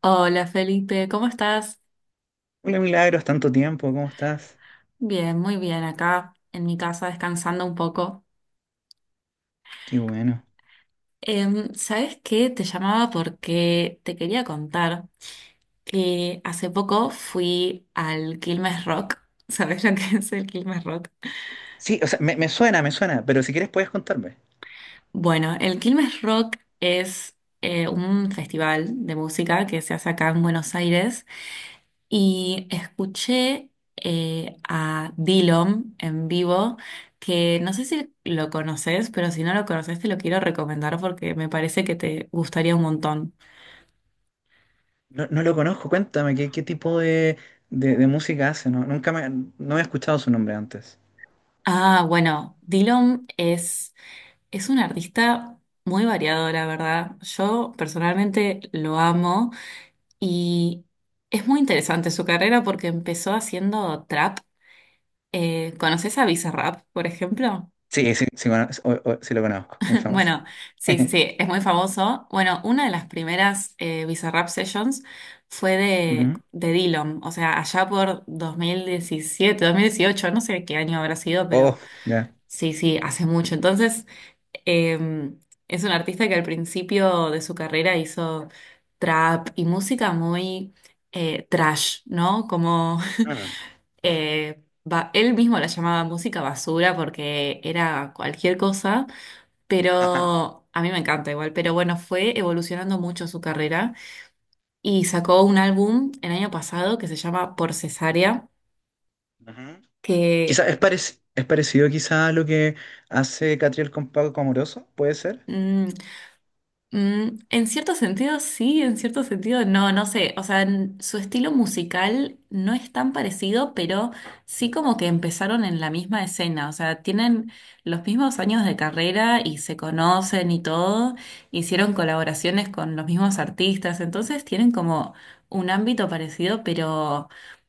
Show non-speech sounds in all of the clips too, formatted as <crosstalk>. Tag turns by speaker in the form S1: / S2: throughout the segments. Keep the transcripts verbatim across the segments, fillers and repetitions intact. S1: Hola Felipe, ¿cómo estás?
S2: Hola Milagros, tanto tiempo, ¿cómo estás?
S1: Bien, muy bien, acá en mi casa descansando un poco.
S2: Qué bueno.
S1: Em, ¿sabes qué? Te llamaba porque te quería contar que hace poco fui al Quilmes Rock. <laughs> ¿Sabes lo que es el Quilmes Rock?
S2: Sí, o sea, me, me suena, me suena, pero si quieres puedes contarme.
S1: Bueno, el Quilmes Rock es eh, un festival de música que se hace acá en Buenos Aires. Y escuché eh, a Dillom en vivo, que no sé si lo conoces, pero si no lo conoces te lo quiero recomendar porque me parece que te gustaría un montón.
S2: No, no lo conozco, cuéntame, ¿qué, qué tipo de, de- de música hace? No, nunca me, no he escuchado su nombre antes.
S1: Ah, bueno, Dillom es, es un artista muy variado, la verdad. Yo personalmente lo amo y es muy interesante su carrera porque empezó haciendo trap. Eh, ¿conoces a Bizarrap, por ejemplo?
S2: Sí, sí, sí, cono- o- o- sí lo conozco, muy famoso.
S1: Bueno, sí, sí,
S2: <laughs>
S1: sí, es muy famoso. Bueno, una de las primeras eh, Bizarrap Sessions fue de,
S2: Ujú.
S1: de Dillom, o sea, allá por dos mil diecisiete, dos mil dieciocho, no sé qué año habrá sido, pero
S2: Oh, ya.
S1: sí, sí, hace mucho. Entonces, eh, es un artista que al principio de su carrera hizo trap y música muy eh, trash, ¿no? Como
S2: Mm.
S1: <laughs> eh, ba- él mismo la llamaba música basura porque era cualquier cosa.
S2: Ajá.
S1: Pero a mí me encanta igual, pero bueno, fue evolucionando mucho su carrera y sacó un álbum el año pasado que se llama Por Cesárea,
S2: Ujú.
S1: que
S2: Quizá es, parec- es parecido quizá a lo que hace Catriel con Paco Amoroso, ¿puede ser?
S1: mm, mm, en cierto sentido sí, en cierto sentido no, no sé, o sea, n- su estilo musical no es tan parecido, pero sí
S2: Ujú.
S1: como que empezaron en la misma escena, o sea, tienen los mismos años de carrera y se conocen y todo, hicieron colaboraciones con los mismos artistas, entonces tienen como un ámbito parecido, pero,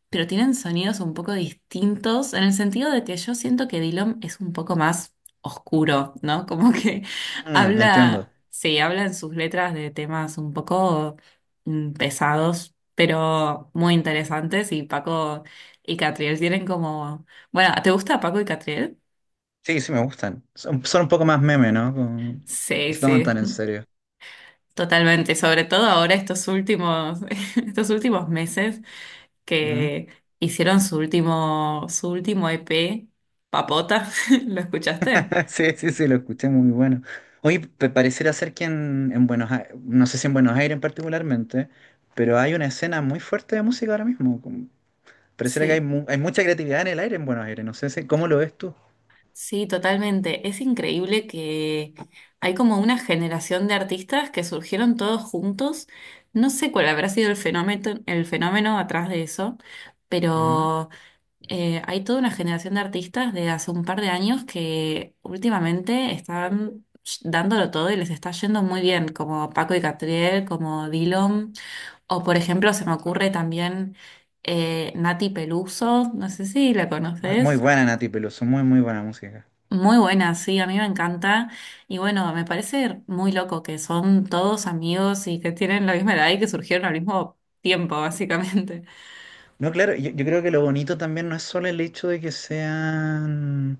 S1: pero tienen sonidos un poco distintos, en el sentido de que yo siento que Dillom es un poco más oscuro, ¿no? <laughs> Como que
S2: Mm, entiendo.
S1: habla, sí, habla en sus letras de temas un poco mm, pesados, pero muy interesantes. Y Paco y Catriel tienen como. Bueno, ¿te gusta Paco y Catriel?
S2: Sí, sí me gustan. Son, son un poco más meme, ¿no? Como, no
S1: Sí,
S2: se toman
S1: sí,
S2: tan en serio.
S1: totalmente. Sobre todo ahora estos últimos, <laughs> estos últimos meses
S2: Ujú.
S1: que hicieron su último, su último E P, Papota. <laughs> ¿Lo escuchaste?
S2: <laughs> Sí, sí, sí, lo escuché, muy bueno. Oye, pe- pareciera ser que en, en Buenos Aires, no sé si en Buenos Aires particularmente, pero hay una escena muy fuerte de música ahora mismo. Como, pareciera que hay,
S1: Sí.
S2: mu- hay mucha creatividad en el aire en Buenos Aires, no sé si, ¿cómo lo ves tú?
S1: Sí, totalmente. Es increíble que hay como una generación de artistas que surgieron todos juntos. No sé cuál habrá sido el fenómeno, el fenómeno atrás de eso,
S2: Ujú.
S1: pero eh, hay toda una generación de artistas de hace un par de años que últimamente están dándolo todo y les está yendo muy bien, como Paco y Catriel, como Dillom, o por ejemplo se me ocurre también eh, Nati Peluso, no sé si la
S2: Muy, muy
S1: conoces.
S2: buena Nati Peluso, muy, muy buena música.
S1: Muy buena, sí, a mí me encanta. Y bueno, me parece muy loco que son todos amigos y que tienen la misma edad y que surgieron al mismo tiempo, <laughs> básicamente.
S2: No, claro, yo, yo creo que lo bonito también no es solo el hecho de que sean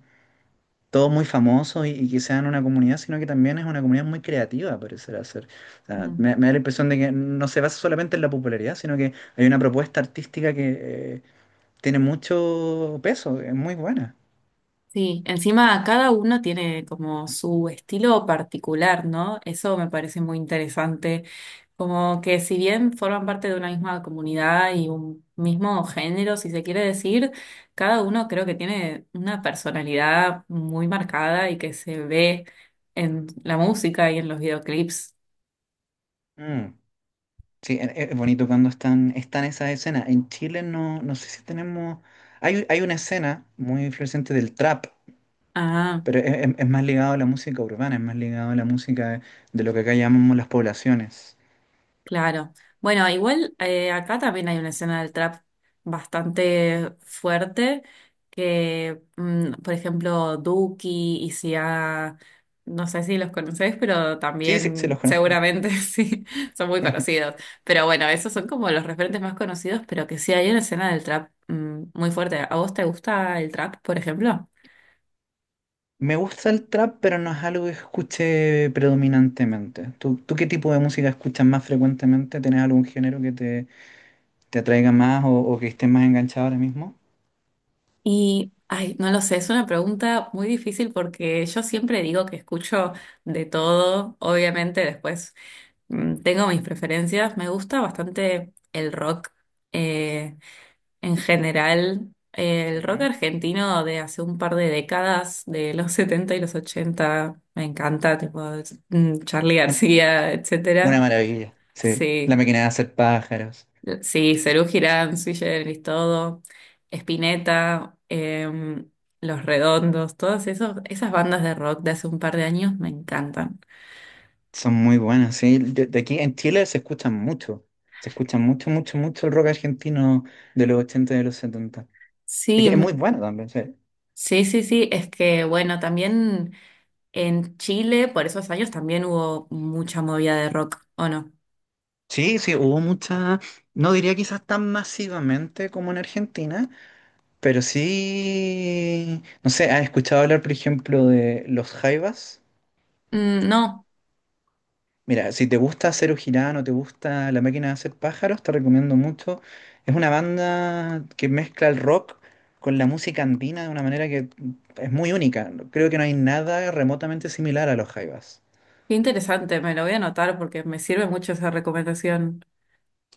S2: todos muy famosos y, y que sean una comunidad, sino que también es una comunidad muy creativa, parecerá ser. O sea,
S1: Mm.
S2: me, me da la impresión de que no se basa solamente en la popularidad, sino que hay una propuesta artística que eh, tiene mucho peso, es muy buena.
S1: Sí, encima cada uno tiene como su estilo particular, ¿no? Eso me parece muy interesante. Como que si bien forman parte de una misma comunidad y un mismo género, si se quiere decir, cada uno creo que tiene una personalidad muy marcada y que se ve en la música y en los videoclips.
S2: Mm. Sí, e- e- es bonito cuando están, están esas escenas. En Chile no, no sé si tenemos... Hay, hay una escena muy influyente del trap,
S1: Ah.
S2: pero es, es- es más ligado a la música urbana, es más ligado a la música de lo que acá llamamos las poblaciones.
S1: Claro. Bueno, igual eh, acá también hay una escena del trap bastante fuerte, que mm, por ejemplo Duki y Sia, no sé si los conocés, pero
S2: Sí, sí, sí,
S1: también
S2: los conozco.
S1: seguramente <laughs> sí, son muy conocidos. Pero bueno, esos son como los referentes más conocidos, pero que sí hay una escena del trap mm, muy fuerte. ¿A vos te gusta el trap, por ejemplo?
S2: Me gusta el trap, pero no es algo que escuche predominantemente. ¿Tú, tú qué tipo de música escuchas más frecuentemente? ¿Tienes algún género que te, te atraiga más o, o que estés más enganchado ahora mismo?
S1: Y, ay, no lo sé, es una pregunta muy difícil porque yo siempre digo que escucho de todo, obviamente después mm, tengo mis preferencias, me gusta bastante el rock eh, en general, eh, el rock
S2: Ujú.
S1: argentino de hace un par de décadas, de los <laughs> setenta y los ochenta me encanta, tipo mm, Charly
S2: Un-
S1: García,
S2: una
S1: etcétera.
S2: maravilla, sí. La
S1: Sí,
S2: máquina de hacer pájaros.
S1: sí, Serú Girán, Sui Generis, todo, Spinetta, em, Los Redondos, todas esos, esas bandas de rock de hace un par de años me encantan.
S2: Son muy buenas, sí. De, de aquí en Chile se escuchan mucho. Se escucha mucho, mucho, mucho el rock argentino de los ochenta y de los setenta. Es
S1: Sí,
S2: que es muy
S1: m-
S2: bueno también, sí.
S1: sí, sí, sí, es que bueno, también en Chile por esos años también hubo mucha movida de rock, ¿o no?
S2: Sí, sí, hubo mucha, no diría quizás tan masivamente como en Argentina, pero sí, no sé, ¿has escuchado hablar, por ejemplo, de los jaivas?
S1: Mm, no,
S2: Mira, si te gusta Zero Girano, te gusta La Máquina de Hacer Pájaros, te recomiendo mucho. Es una banda que mezcla el rock con la música andina de una manera que es muy única. Creo que no hay nada remotamente similar a los jaivas.
S1: qué interesante, me lo voy a anotar porque me sirve mucho esa recomendación.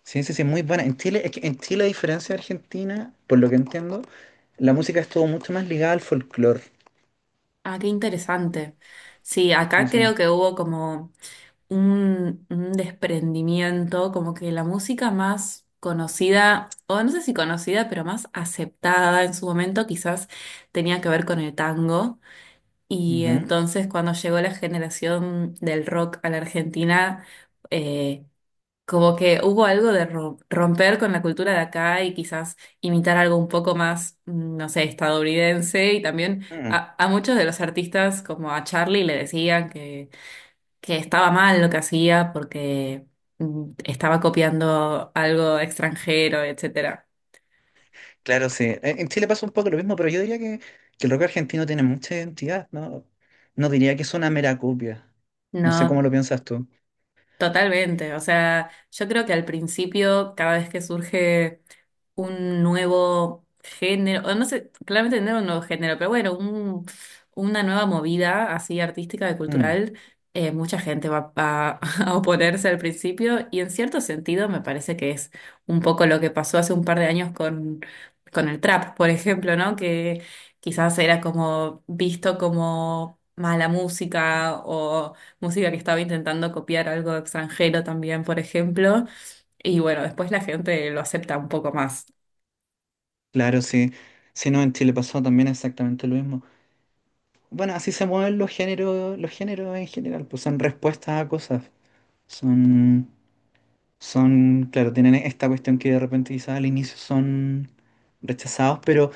S2: Sí, sí, sí, muy buena. En Chile, es que en Chile, a diferencia de Argentina, por lo que entiendo, la música estuvo mucho más ligada al folclore.
S1: Ah, qué interesante. Sí, acá
S2: Sí, sí.
S1: creo que hubo como... un, un desprendimiento, como que la música más conocida, o no sé si conocida, pero más aceptada en su momento, quizás tenía que ver con el tango. Y
S2: Ujú.
S1: entonces cuando llegó la generación del rock a la Argentina, eh, como que hubo algo de ro- romper con la cultura de acá y quizás imitar algo un poco más, mm, no sé, estadounidense. Y también a, a muchos de los artistas, como a Charlie, le decían que que estaba mal lo que hacía porque mm, estaba copiando algo extranjero, etcétera.
S2: Claro, sí. En en Chile pasa un poco lo mismo, pero yo diría que, que el rock argentino tiene mucha identidad, ¿no? No diría que es una mera copia. No sé cómo
S1: No,
S2: lo piensas tú.
S1: totalmente. O sea, yo creo que al principio, cada vez que surge un nuevo género, o no sé, claramente no era un nuevo género, pero bueno, un- una nueva movida así artística y
S2: Mm,
S1: cultural, eh, mucha gente va, va <laughs> a oponerse al principio y en cierto sentido me parece que es un poco lo que pasó hace un par de años con, con el trap, por ejemplo, ¿no? Que quizás era como visto como mala música o música que estaba intentando copiar algo extranjero también, por ejemplo. Y bueno, después la gente lo acepta un poco más.
S2: claro, sí. Si no, en Chile pasó también exactamente lo mismo. Bueno, así se mueven los géneros, los géneros en general, pues son respuestas a cosas. Son, son, claro, tienen esta cuestión que de repente quizás al inicio son rechazados, pero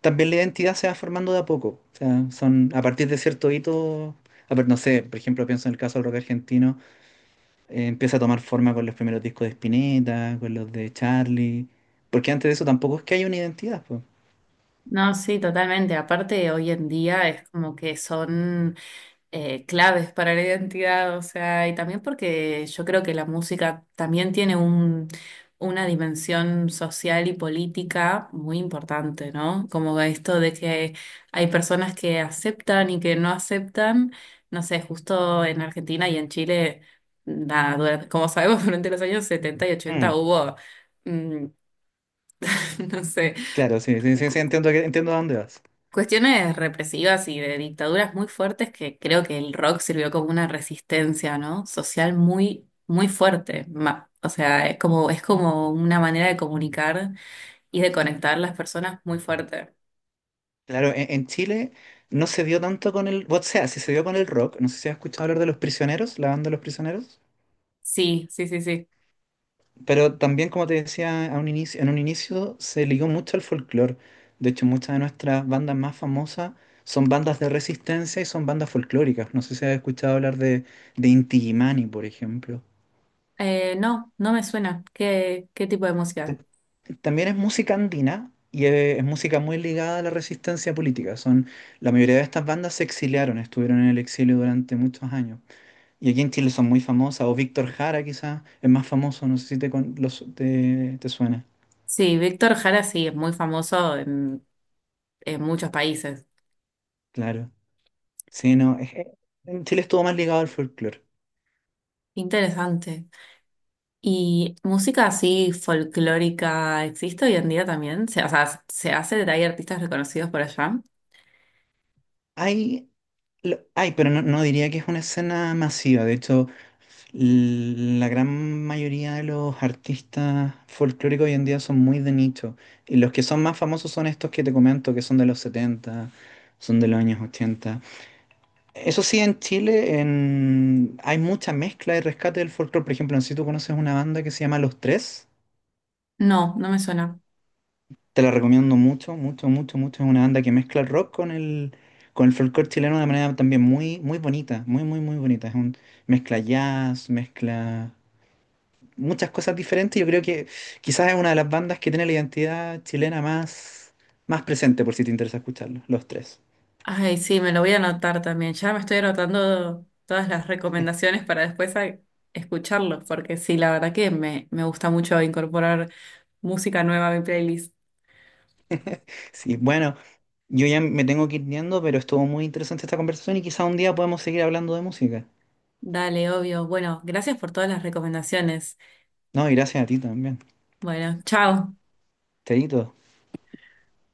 S2: también la identidad se va formando de a poco. O sea, son a partir de cierto hito, a ver, no sé, por ejemplo, pienso en el caso del rock argentino, eh, empieza a tomar forma con los primeros discos de Spinetta, con los de Charlie, porque antes de eso tampoco es que haya una identidad, pues.
S1: No, sí, totalmente. Aparte, hoy en día es como que son eh, claves para la identidad, o sea, y también porque yo creo que la música también tiene un, una dimensión social y política muy importante, ¿no? Como esto de que hay personas que aceptan y que no aceptan, no sé, justo en Argentina y en Chile, nada, durante- como sabemos, <laughs> durante los años setenta y ochenta
S2: Mm,
S1: hubo, mm, <laughs> no sé.
S2: claro, sí, sí, sí, sí, entiendo, que- entiendo a dónde vas.
S1: Cuestiones represivas y de dictaduras muy fuertes que creo que el rock sirvió como una resistencia, ¿no? Social muy, muy fuerte. Ma- O sea, es como, es como una manera de comunicar y de conectar las personas muy fuerte.
S2: Claro, en, en Chile no se dio tanto con el, o sea, sí se dio con el rock, no sé si has escuchado hablar de Los Prisioneros, la banda Los Prisioneros.
S1: Sí, sí, sí, sí.
S2: Pero también, como te decía a un inicio, en un inicio se ligó mucho al folclore. De hecho, muchas de nuestras bandas más famosas son bandas de resistencia y son bandas folclóricas. No sé si has escuchado hablar de, de Inti Illimani, por ejemplo.
S1: Eh, no, no me suena. ¿Qué, qué tipo de música?
S2: Ta- También es música andina y eh, es música muy ligada a la resistencia política. Son, la mayoría de estas bandas se exiliaron, estuvieron en el exilio durante muchos años. Y aquí en Chile son muy famosas, o Víctor Jara quizás es más famoso, no sé si te, con- los- te te suena.
S1: Sí, Víctor Jara sí, es muy famoso en, en muchos países.
S2: Claro. Sí, no, es que en Chile estuvo más ligado al folclore.
S1: Interesante. ¿Y música así folclórica existe hoy en día también? Se- O sea, ¿se hace? ¿Hay artistas reconocidos por allá?
S2: Hay, lo- hay, pero no, no diría que es una escena masiva. De hecho, l- la gran mayoría de los artistas folclóricos hoy en día son muy de nicho. Y los que son más famosos son estos que te comento, que son de los setenta, son de los años ochenta. Eso sí, en Chile en- hay mucha mezcla y rescate del folclore. Por ejemplo, no sé si tú conoces una banda que se llama Los Tres.
S1: No, no me suena.
S2: Te la recomiendo mucho, mucho, mucho, mucho. Es una banda que mezcla el rock con el, con el folclore chileno de manera también muy, muy bonita, muy, muy, muy bonita. Es un mezcla jazz, mezcla muchas cosas diferentes. Yo creo que quizás es una de las bandas que tiene la identidad chilena más, más presente, por si te interesa escucharlo, los tres.
S1: Ay, sí, me lo voy a anotar también. Ya me estoy anotando todas las recomendaciones para después a- escucharlos, porque sí, la verdad que me, me gusta mucho incorporar música nueva a mi playlist.
S2: Sí, bueno, yo ya me tengo que ir yendo, pero estuvo muy interesante esta conversación y quizás un día podemos seguir hablando de música.
S1: Dale, obvio. Bueno, gracias por todas las recomendaciones.
S2: No, y gracias a ti también.
S1: Bueno, chao.
S2: Chaito.